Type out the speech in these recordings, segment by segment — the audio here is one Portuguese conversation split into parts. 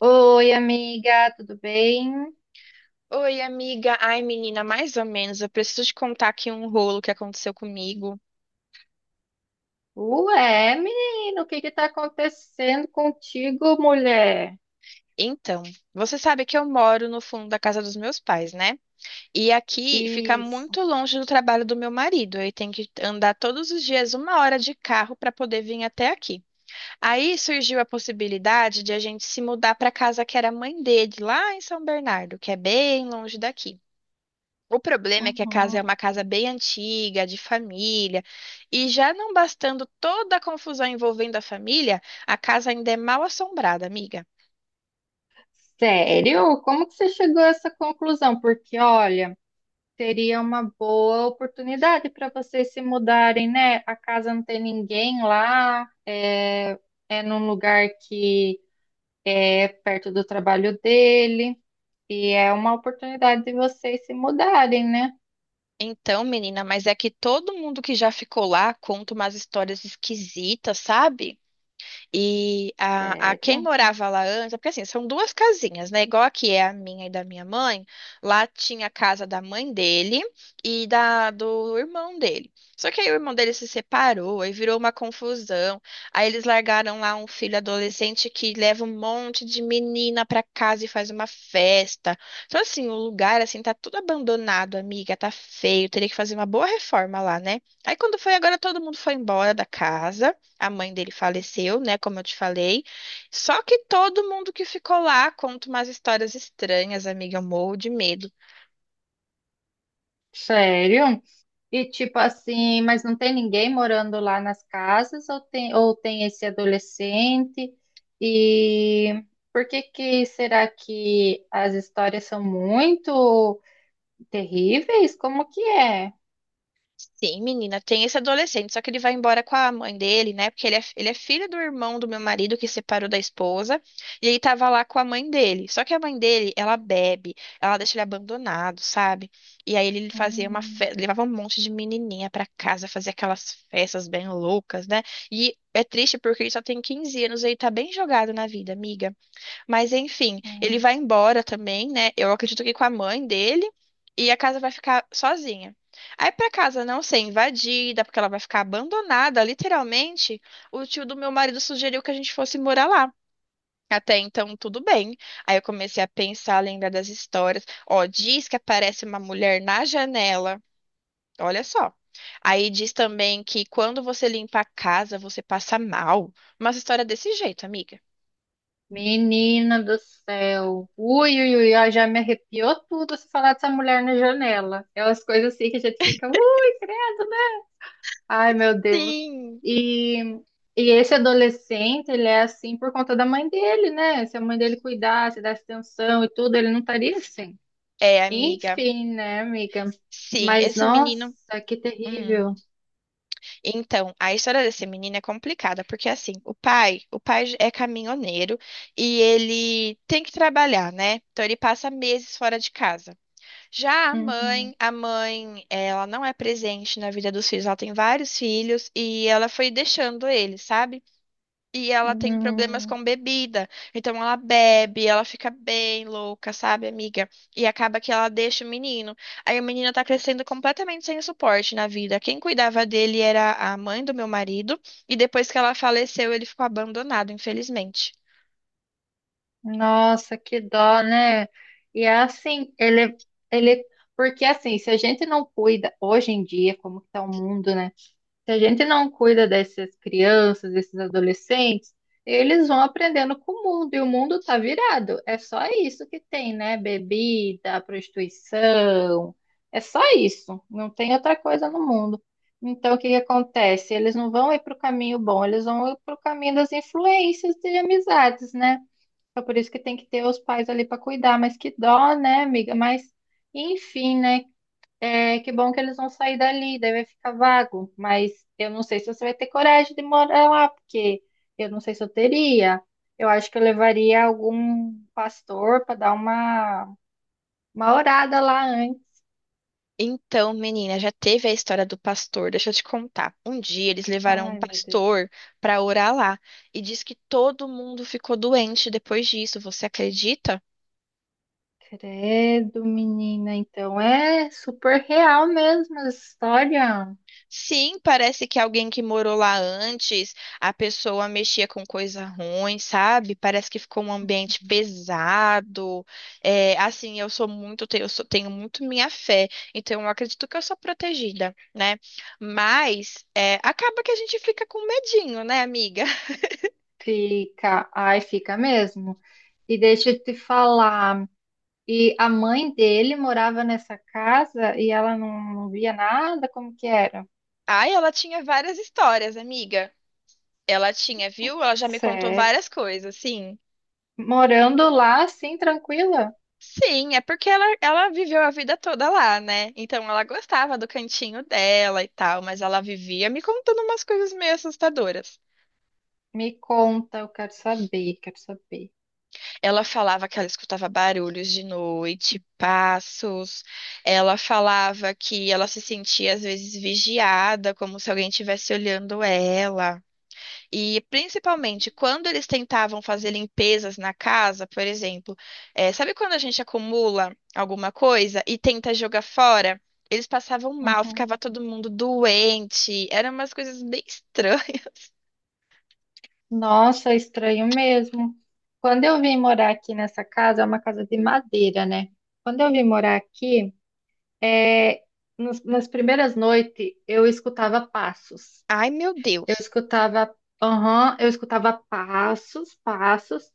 Oi, amiga, tudo bem? Oi, amiga. Ai, menina, mais ou menos. Eu preciso te contar aqui um rolo que aconteceu comigo. Ué, menino, o que que tá acontecendo contigo, mulher? Então, você sabe que eu moro no fundo da casa dos meus pais, né? E aqui fica Isso. muito longe do trabalho do meu marido. Ele tem que andar todos os dias uma hora de carro para poder vir até aqui. Aí surgiu a possibilidade de a gente se mudar para a casa que era a mãe dele, lá em São Bernardo, que é bem longe daqui. O problema é que a casa é Uhum. uma casa bem antiga, de família, e já não bastando toda a confusão envolvendo a família, a casa ainda é mal assombrada, amiga. Sério? Como que você chegou a essa conclusão? Porque, olha, seria uma boa oportunidade para vocês se mudarem, né? A casa não tem ninguém lá, é, é num lugar que é perto do trabalho dele, e é uma oportunidade de vocês se mudarem, né? Então, menina, mas é que todo mundo que já ficou lá conta umas histórias esquisitas, sabe? E a quem Sério? morava lá antes, porque assim, são duas casinhas, né? Igual aqui é a minha e da minha mãe, lá tinha a casa da mãe dele e da do irmão dele. Só que aí o irmão dele se separou, aí virou uma confusão. Aí eles largaram lá um filho adolescente que leva um monte de menina pra casa e faz uma festa. Então assim, o lugar assim tá tudo abandonado, amiga, tá feio, teria que fazer uma boa reforma lá, né? Aí quando foi agora todo mundo foi embora da casa. A mãe dele faleceu, né? Como eu te falei. Só que todo mundo que ficou lá conta umas histórias estranhas, amiga. Eu morro de medo. Sério? E tipo assim, mas não tem ninguém morando lá nas casas ou tem esse adolescente? E por que que será que as histórias são muito terríveis? Como que é? Sim, menina, tem esse adolescente, só que ele vai embora com a mãe dele, né? Porque ele é filho do irmão do meu marido que separou da esposa, e ele tava lá com a mãe dele. Só que a mãe dele, ela bebe, ela deixa ele abandonado, sabe? E aí ele fazia uma Hum, festa, levava um monte de menininha pra casa, fazia aquelas festas bem loucas, né? E é triste porque ele só tem 15 anos e ele tá bem jogado na vida, amiga. Mas enfim, ele hum. vai embora também, né? Eu acredito que com a mãe dele e a casa vai ficar sozinha. Aí pra casa não ser invadida, porque ela vai ficar abandonada, literalmente, o tio do meu marido sugeriu que a gente fosse morar lá. Até então, tudo bem. Aí eu comecei a pensar, a lembrar das histórias. Ó, diz que aparece uma mulher na janela. Olha só. Aí diz também que quando você limpa a casa, você passa mal. Uma história desse jeito, amiga. Menina do céu. Ui, ui, ui, ó, já me arrepiou tudo se falar dessa mulher na janela. É umas coisas assim que a gente fica, ui, credo. Ai, meu Deus. Sim. E, e esse adolescente, ele é assim por conta da mãe dele, né? Se a mãe dele cuidasse, desse atenção e tudo, ele não estaria assim. É, amiga. Enfim, né, amiga? Sim, Mas, esse menino. nossa, que Hum. terrível. Então, a história desse menino é complicada, porque assim, o pai é caminhoneiro e ele tem que trabalhar, né? Então ele passa meses fora de casa. Já a Uhum, mãe, a mãe, ela não é presente na vida dos filhos, ela tem vários filhos e ela foi deixando ele, sabe? E ela tem problemas uhum. com bebida. Então ela bebe, ela fica bem louca, sabe, amiga? E acaba que ela deixa o menino. Aí o menino tá crescendo completamente sem suporte na vida. Quem cuidava dele era a mãe do meu marido. E depois que ela faleceu, ele ficou abandonado, infelizmente. Nossa, que dó, né? E é assim, ele, é, ele... Porque, assim, se a gente não cuida, hoje em dia, como que tá o mundo, né? Se a gente não cuida dessas crianças, desses adolescentes, eles vão aprendendo com o mundo e o mundo tá virado. É só isso que tem, né? Bebida, prostituição, é só isso. Não tem outra coisa no mundo. Então, o que que acontece? Eles não vão ir para o caminho bom, eles vão ir para o caminho das influências de amizades, né? É por isso que tem que ter os pais ali para cuidar, mas que dó, né, amiga? Mas, enfim, né? É, que bom que eles vão sair dali, daí vai ficar vago. Mas eu não sei se você vai ter coragem de morar lá, porque eu não sei se eu teria. Eu acho que eu levaria algum pastor para dar uma orada lá antes. Então, menina, já teve a história do pastor. Deixa eu te contar. Um dia eles levaram um Ai, meu Deus. pastor pra orar lá. E diz que todo mundo ficou doente depois disso. Você acredita? Credo, menina. Então é super real mesmo essa história. Sim, parece que alguém que morou lá antes, a pessoa mexia com coisa ruim, sabe? Parece que ficou um ambiente pesado. É, assim, eu sou muito, eu sou- tenho muito minha fé, então eu acredito que eu sou protegida, né? Mas é, acaba que a gente fica com medinho, né, amiga? Fica, ai, fica mesmo. E deixa eu te falar. E a mãe dele morava nessa casa e ela não, não via nada, como que era? Ai, ela tinha várias histórias, amiga. Ela tinha, viu? Ela já me contou Sério. várias coisas, sim. Morando lá, assim, tranquila? Sim, é porque ela viveu a vida toda lá, né? Então ela gostava do cantinho dela e tal, mas ela vivia me contando umas coisas meio assustadoras. Me conta, eu quero saber, quero saber. Ela falava que ela escutava barulhos de noite, passos. Ela falava que ela se sentia às vezes vigiada, como se alguém estivesse olhando ela. E principalmente quando eles tentavam fazer limpezas na casa, por exemplo, sabe quando a gente acumula alguma coisa e tenta jogar fora? Eles passavam mal, Uhum. ficava todo mundo doente, eram umas coisas bem estranhas. Nossa, é estranho mesmo. Quando eu vim morar aqui nessa casa, é uma casa de madeira, né? Quando eu vim morar aqui, é, nas primeiras noites, eu escutava passos. Ai, meu Eu Deus. escutava, aham, eu escutava passos, passos,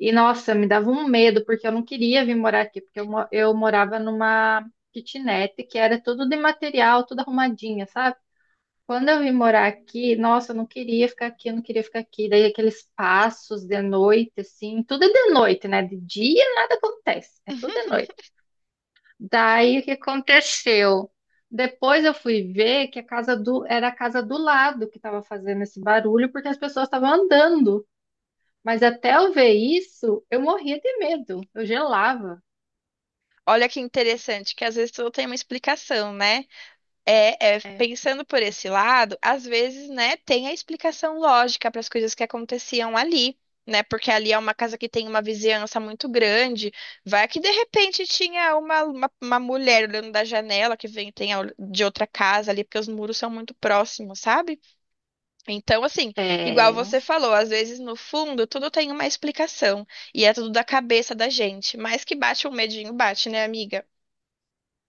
e nossa, me dava um medo, porque eu não queria vir morar aqui, porque eu, eu morava numa kitnet que era tudo de material, tudo arrumadinha, sabe? Quando eu vim morar aqui, nossa, eu não queria ficar aqui, eu não queria ficar aqui. Daí aqueles passos de noite, assim, tudo é de noite, né? De dia nada acontece, é tudo de noite. Daí o que aconteceu? Depois eu fui ver que a casa do era a casa do lado que estava fazendo esse barulho, porque as pessoas estavam andando. Mas até eu ver isso, eu morria de medo, eu gelava. Olha que interessante, que às vezes tudo tem uma explicação, né? É. Pensando por esse lado, às vezes, né, tem a explicação lógica para as coisas que aconteciam ali, né? Porque ali é uma casa que tem uma vizinhança muito grande. Vai que de repente tinha uma mulher olhando da janela que vem de outra casa ali, porque os muros são muito próximos, sabe? Então, assim, igual É, você falou, às vezes no fundo tudo tem uma explicação e é tudo da cabeça da gente, mas que bate um medinho, bate, né, amiga?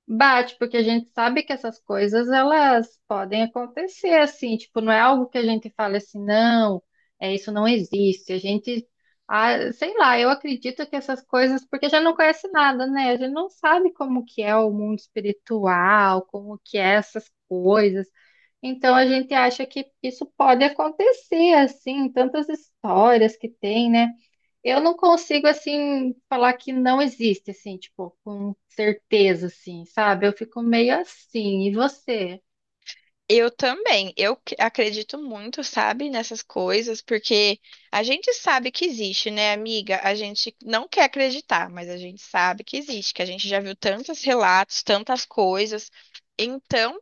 bate, porque a gente sabe que essas coisas elas podem acontecer assim, tipo, não é algo que a gente fala assim, não, é isso não existe. A gente, ah, sei lá, eu acredito que essas coisas, porque já não conhece nada, né? A gente não sabe como que é o mundo espiritual, como que é essas coisas. Então a gente acha que isso pode acontecer assim, tantas histórias que tem, né? Eu não consigo, assim, falar que não existe, assim, tipo, com certeza, assim, sabe? Eu fico meio assim. E você? Eu também. Acredito muito, sabe, nessas coisas, porque a gente sabe que existe, né, amiga? A gente não quer acreditar, mas a gente sabe que existe, que a gente já viu tantos relatos, tantas coisas. Então,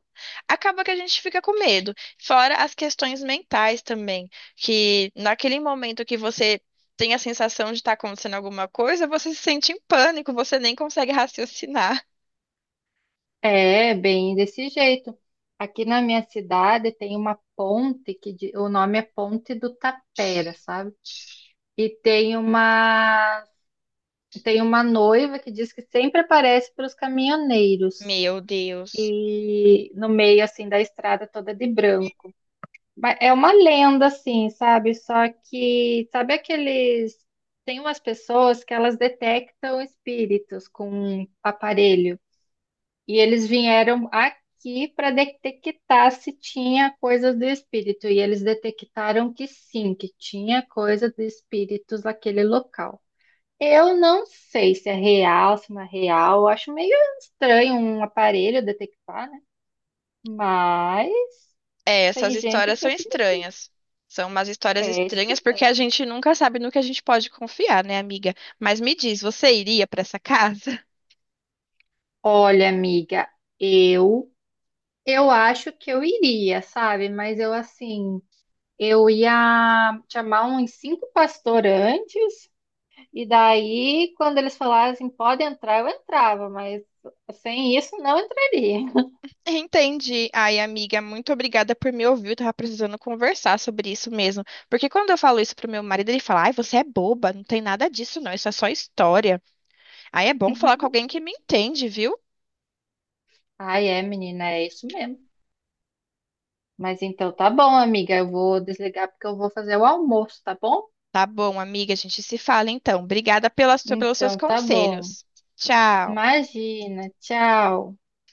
acaba que a gente fica com medo. Fora as questões mentais também, que naquele momento que você tem a sensação de estar acontecendo alguma coisa, você se sente em pânico, você nem consegue raciocinar. É, bem desse jeito. Aqui na minha cidade tem uma ponte que o nome é Ponte do Tapera, sabe? E tem uma noiva que diz que sempre aparece para os caminhoneiros Meu Deus. e no meio assim da estrada toda de branco. Mas é uma lenda, assim, sabe? Só que, sabe aqueles. Tem umas pessoas que elas detectam espíritos com um aparelho. E eles vieram aqui para detectar se tinha coisas do espírito. E eles detectaram que sim, que tinha coisas do espíritos naquele local. Eu não sei se é real, se não é real. Eu acho meio estranho um aparelho detectar, né? Mas É, essas tem gente histórias que são acredita. estranhas. São umas histórias É estranhas porque estranho. a gente nunca sabe no que a gente pode confiar, né, amiga? Mas me diz, você iria pra essa casa? Olha, amiga, eu eu acho que eu iria, sabe? Mas eu assim, eu ia chamar uns cinco pastores antes, e daí quando eles falassem pode entrar, eu entrava, mas sem isso não entraria. Entendi. Ai, amiga, muito obrigada por me ouvir. Eu tava precisando conversar sobre isso mesmo. Porque quando eu falo isso pro meu marido, ele fala: Ai, você é boba, não tem nada disso, não. Isso é só história. Aí é bom falar com alguém que me entende, viu? Ai, é, menina, é isso mesmo. Mas então tá bom, amiga, eu vou desligar porque eu vou fazer o almoço, tá bom? Tá bom, amiga, a gente se fala então. Obrigada pelos seus Então tá bom. conselhos. Tchau. Imagina, tchau.